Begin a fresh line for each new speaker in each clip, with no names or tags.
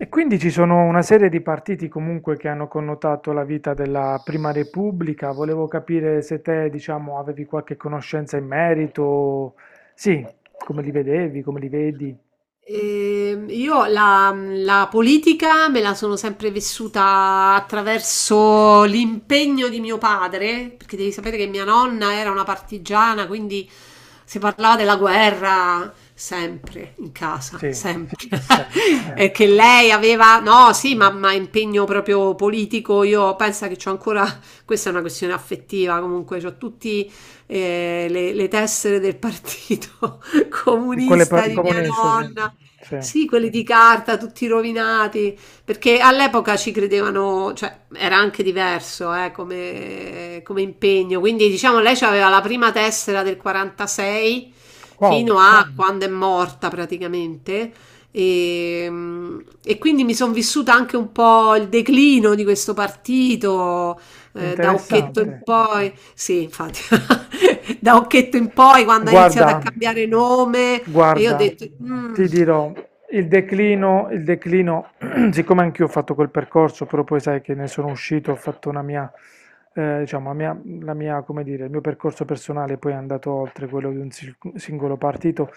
E quindi ci sono una serie di partiti comunque che hanno connotato la vita della Prima Repubblica. Volevo capire se te, diciamo, avevi qualche conoscenza in merito. Sì, come li vedevi, come li vedi.
Io la politica me la sono sempre vissuta attraverso l'impegno di mio padre, perché devi sapere che mia nonna era una partigiana, quindi si parlava della guerra sempre in casa,
Sì,
sempre.
sempre.
E che lei aveva, no, sì, ma impegno proprio politico. Io penso che c'ho ancora, questa è una questione affettiva, comunque, c'ho tutti le tessere del partito comunista di mia
Comunista, sì.
nonna.
Sì.
Sì, quelli di carta, tutti rovinati, perché all'epoca ci credevano, cioè era anche diverso come, come impegno. Quindi diciamo lei aveva la prima tessera del 46
Wow,
fino a quando è morta praticamente. E, mm, e quindi mi sono vissuta anche un po' il declino di questo partito, da Occhetto in
interessante.
poi. Sì, infatti, da Occhetto in poi, quando ha
Guarda,
iniziato a cambiare nome, e io ho
guarda,
detto, "Mm,
ti dirò, il declino, siccome anch'io ho fatto quel percorso, però poi sai che ne sono uscito, ho fatto una mia, diciamo, la mia, come dire, il mio percorso personale poi è andato oltre quello di un singolo partito.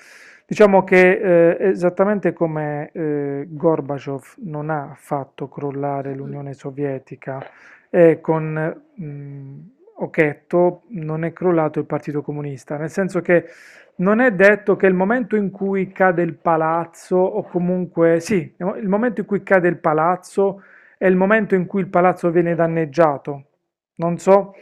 Diciamo che esattamente come Gorbaciov non ha fatto crollare l'Unione Sovietica, con Occhetto non è crollato il Partito Comunista, nel senso che non è detto che il momento in cui cade il palazzo, o comunque sì, il momento in cui cade il palazzo è il momento in cui il palazzo viene danneggiato. Non so,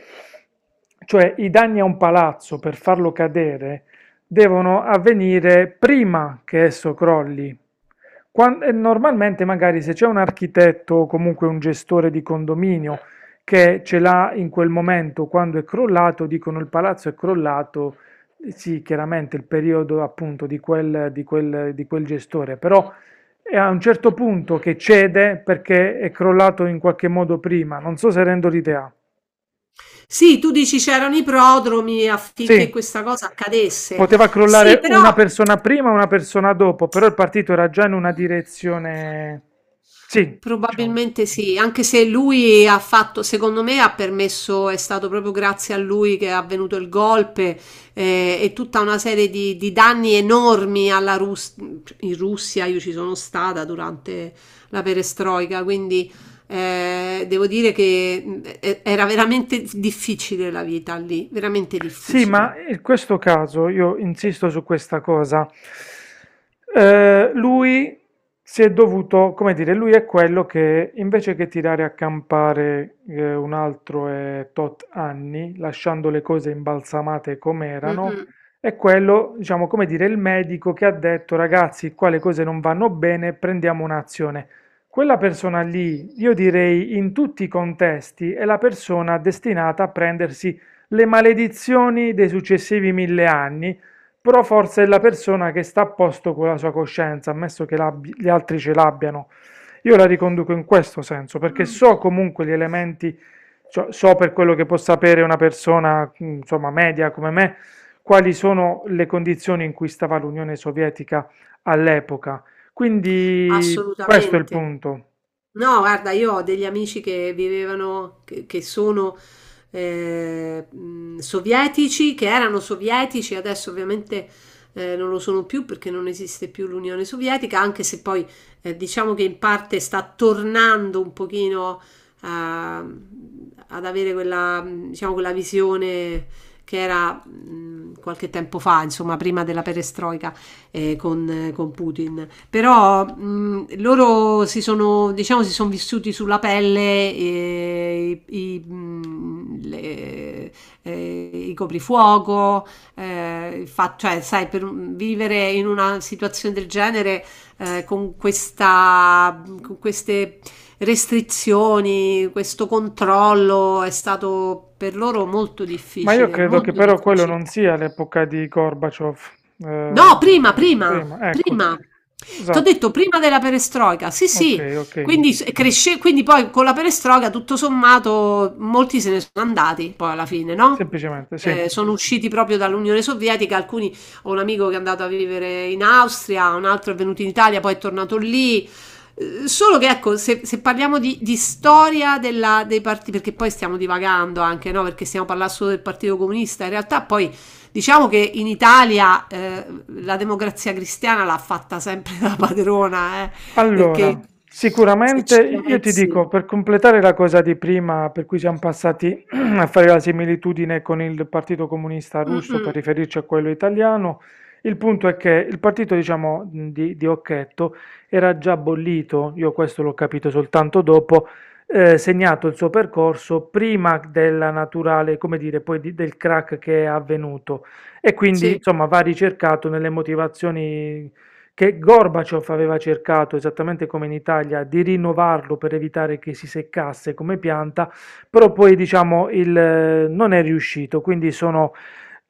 cioè i danni a un palazzo per farlo cadere devono avvenire prima che esso crolli. E normalmente magari se c'è un architetto o comunque un gestore di condominio che ce l'ha in quel momento quando è crollato, dicono il palazzo è crollato, sì, chiaramente il periodo appunto di quel gestore, però è a un certo punto che cede perché è crollato in qualche modo prima, non so se rendo l'idea.
sì, tu dici c'erano i prodromi
Sì,
affinché questa cosa accadesse.
poteva
Sì,
crollare
però
una persona prima, una persona dopo, però il partito era già in una direzione, sì, diciamo.
probabilmente sì, anche se lui ha fatto, secondo me ha permesso, è stato proprio grazie a lui che è avvenuto il golpe e tutta una serie di danni enormi alla in Russia. Io ci sono stata durante la perestroica, quindi devo dire che era veramente difficile la vita lì, veramente
Sì, ma
difficile.
in questo caso io insisto su questa cosa. Lui si è dovuto, come dire, lui è quello che invece che tirare a campare un altro e tot anni, lasciando le cose imbalsamate come
Mm,
erano,
mm.
è quello, diciamo, come dire, il medico che ha detto, ragazzi, qua le cose non vanno bene, prendiamo un'azione. Quella persona lì, io direi in tutti i contesti, è la persona destinata a prendersi le maledizioni dei successivi mille anni, però forse è la persona che sta a posto con la sua coscienza, ammesso che gli altri ce l'abbiano. Io la riconduco in questo senso, perché
Mh,
so comunque gli elementi, cioè, so per quello che può sapere una persona, insomma, media come me, quali sono le condizioni in cui stava l'Unione Sovietica all'epoca. Quindi questo è il
assolutamente.
punto.
No, guarda, io ho degli amici che vivevano, che sono sovietici, che erano sovietici, adesso ovviamente non lo sono più perché non esiste più l'Unione Sovietica, anche se poi diciamo che in parte sta tornando un pochino a- ad avere quella, diciamo, quella visione che era qualche tempo fa, insomma, prima della perestroica con Putin. Però loro si sono, diciamo, si sono vissuti sulla pelle i coprifuoco, cioè, sai, vivere in una situazione del genere con questa, con queste restrizioni, questo controllo è stato per loro molto
Ma io
difficile,
credo che
molto
però quello
difficile.
non sia l'epoca di Gorbaciov. Eh,
No, prima, prima,
prima, ecco,
prima. T'ho
esatto,
detto prima della perestroica. Sì,
ok,
sì.
ok,
Quindi cresce, quindi poi con la perestroica tutto sommato molti se ne sono andati poi alla fine, no?
semplicemente, sì.
Sono usciti proprio dall'Unione Sovietica, alcuni, ho un amico che è andato a vivere in Austria, un altro è venuto in Italia, poi è tornato lì. Solo che ecco, se parliamo di storia dei partiti, perché poi stiamo divagando anche, no? Perché stiamo parlando solo del Partito Comunista, in realtà poi diciamo che in Italia la democrazia cristiana l'ha fatta sempre la padrona, perché
Allora,
se
sicuramente
ci
io ti
pensi,
dico, per completare la cosa di prima, per cui siamo passati a fare la similitudine con il Partito Comunista
mm,
Russo per
mm,
riferirci a quello italiano, il punto è che il partito, diciamo, di Occhetto era già bollito, io questo l'ho capito soltanto dopo, segnato il suo percorso prima della naturale, come dire, del crack che è avvenuto. E quindi,
sì,
insomma, va ricercato nelle motivazioni che Gorbaciov aveva cercato, esattamente come in Italia, di rinnovarlo per evitare che si seccasse come pianta, però poi diciamo il, non è riuscito, quindi sono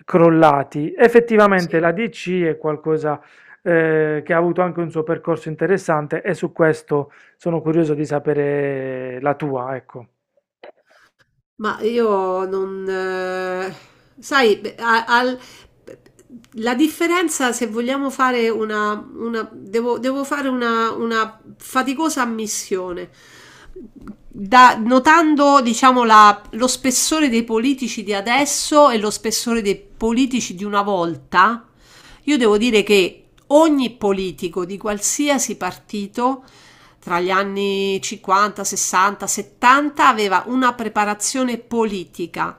crollati. Effettivamente la
sì.
DC è qualcosa che ha avuto anche un suo percorso interessante e su questo sono curioso di sapere la tua, ecco.
Ma io non... sai, beh, la differenza se vogliamo fare una... devo, devo fare una faticosa ammissione. Notando, diciamo, lo spessore dei politici di adesso e lo spessore dei politici di una volta, io devo dire che ogni politico di qualsiasi partito tra gli anni 50, 60, 70 aveva una preparazione politica,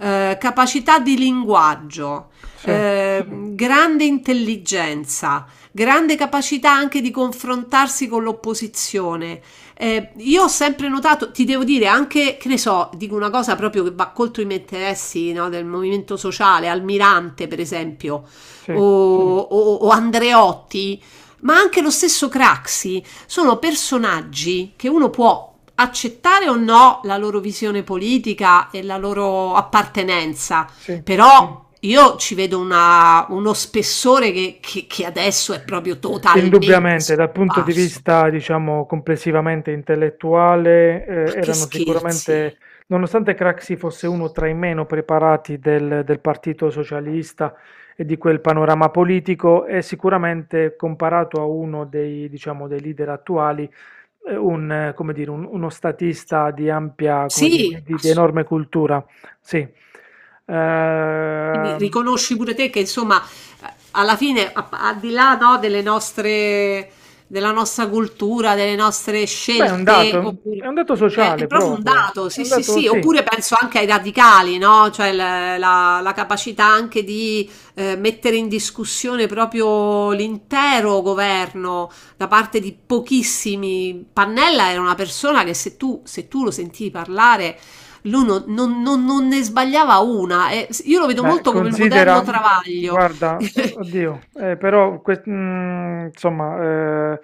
capacità di linguaggio,
Sì,
grande intelligenza, grande capacità anche di confrontarsi con l'opposizione. Io ho sempre notato, ti devo dire anche, che ne so, dico una cosa proprio che va contro i miei interessi, no, del movimento sociale, Almirante per esempio,
sì,
o Andreotti, ma anche lo stesso Craxi, sono personaggi che uno può accettare o no la loro visione politica e la loro appartenenza,
sì.
però io ci vedo uno spessore che, che adesso è proprio totalmente
Indubbiamente, dal punto di
scomparso.
vista, diciamo, complessivamente intellettuale,
Ma che
erano
scherzi!
sicuramente, nonostante Craxi fosse uno tra i meno preparati del Partito Socialista e di quel panorama politico, è sicuramente comparato a uno dei, diciamo, dei leader attuali, come dire, uno statista di ampia, come dire, di,
Sì,
di- di
assolutamente.
enorme cultura. Sì.
Quindi
Ehm,
riconosci pure te che insomma alla fine al di là no, delle nostre della nostra cultura, delle nostre
Beh,
scelte, sì, oppure
è un dato
è
sociale
proprio un esatto.
proprio,
Dato,
è
sì,
un
sì,
dato,
sì,
sì.
oppure penso anche ai radicali, no? Cioè la capacità anche di mettere in discussione proprio l'intero governo da parte di pochissimi. Pannella era una persona che se tu lo sentivi parlare lui non ne sbagliava una. Io lo vedo
Beh,
molto come il moderno
considera,
Travaglio.
guarda, oddio, insomma,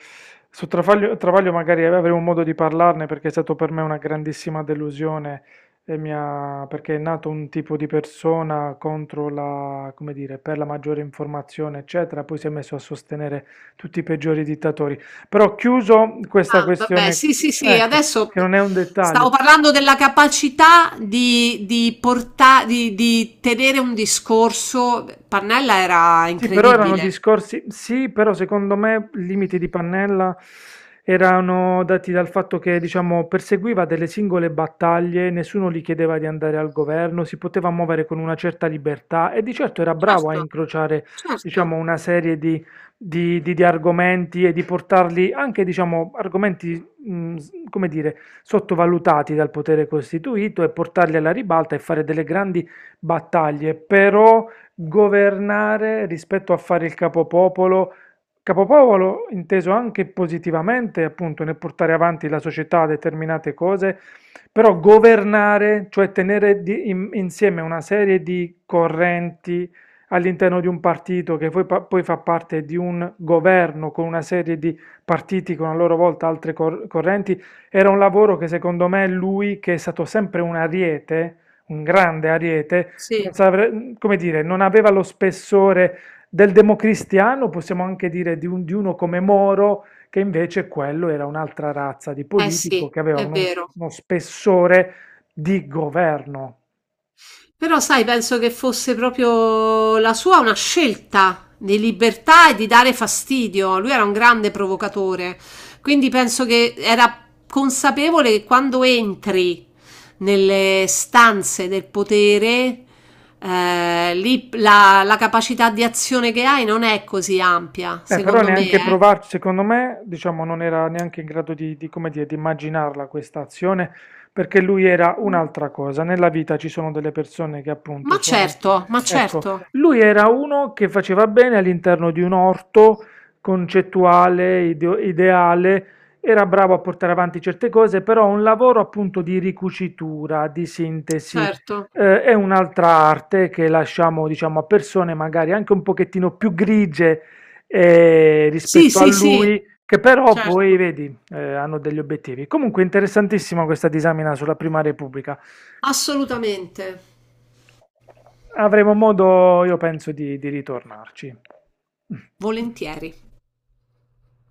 su Travaglio, Travaglio magari avremo modo di parlarne perché è stato per me una grandissima delusione e perché è nato un tipo di persona contro la, come dire, per la maggiore informazione, eccetera, poi si è messo a sostenere tutti i peggiori dittatori. Però chiuso questa
Ah, vabbè,
questione,
sì, sì, sì,
ecco,
adesso
che non è un dettaglio.
stavo parlando della capacità di tenere un discorso. Pannella era
Sì, però erano
incredibile.
discorsi, sì, però secondo me i limiti di Pannella erano dati dal fatto che, diciamo, perseguiva delle singole battaglie, nessuno gli chiedeva di andare al governo, si poteva muovere con una certa libertà e di certo era bravo a
Certo,
incrociare,
certo,
diciamo, una serie di, di argomenti e di portarli anche, diciamo, argomenti, come dire, sottovalutati dal potere costituito e portarli alla ribalta e fare delle grandi battaglie, però governare rispetto a fare il capopopolo, capopopolo inteso anche positivamente, appunto, nel portare avanti la società determinate cose, però governare, cioè tenere insieme una serie di correnti all'interno di un partito che poi, poi fa parte di un governo con una serie di partiti con a loro volta altre correnti, era un lavoro che secondo me lui, che è stato sempre un ariete, un grande ariete, non
sì,
saprei- come dire, non aveva lo spessore del democristiano, possiamo anche dire di, di uno come Moro, che invece quello era un'altra razza di
eh
politico
sì,
che aveva
è vero.
uno spessore di governo.
Però sai, penso che fosse proprio la sua una scelta di libertà e di dare fastidio. Lui era un grande provocatore, quindi penso che era consapevole che quando entri nelle stanze del potere, lì la capacità di azione che hai non è così ampia,
Però
secondo me,
neanche
eh.
provarci, secondo me, diciamo, non era neanche in grado di come dire, di immaginarla questa azione, perché lui era un'altra cosa. Nella vita ci sono delle persone che appunto sono...
Ma
Ecco,
certo,
lui era uno che faceva bene all'interno di un orto concettuale, ideale, era bravo a portare avanti certe cose, però un lavoro appunto di ricucitura, di sintesi,
certo.
è un'altra arte che lasciamo, diciamo, a persone magari anche un pochettino più grigie
Sì,
rispetto a
sì, sì,
lui, che però poi,
certo,
vedi, hanno degli obiettivi. Comunque interessantissima questa disamina sulla Prima Repubblica.
assolutamente,
Avremo modo, io penso, di ritornarci.
volentieri.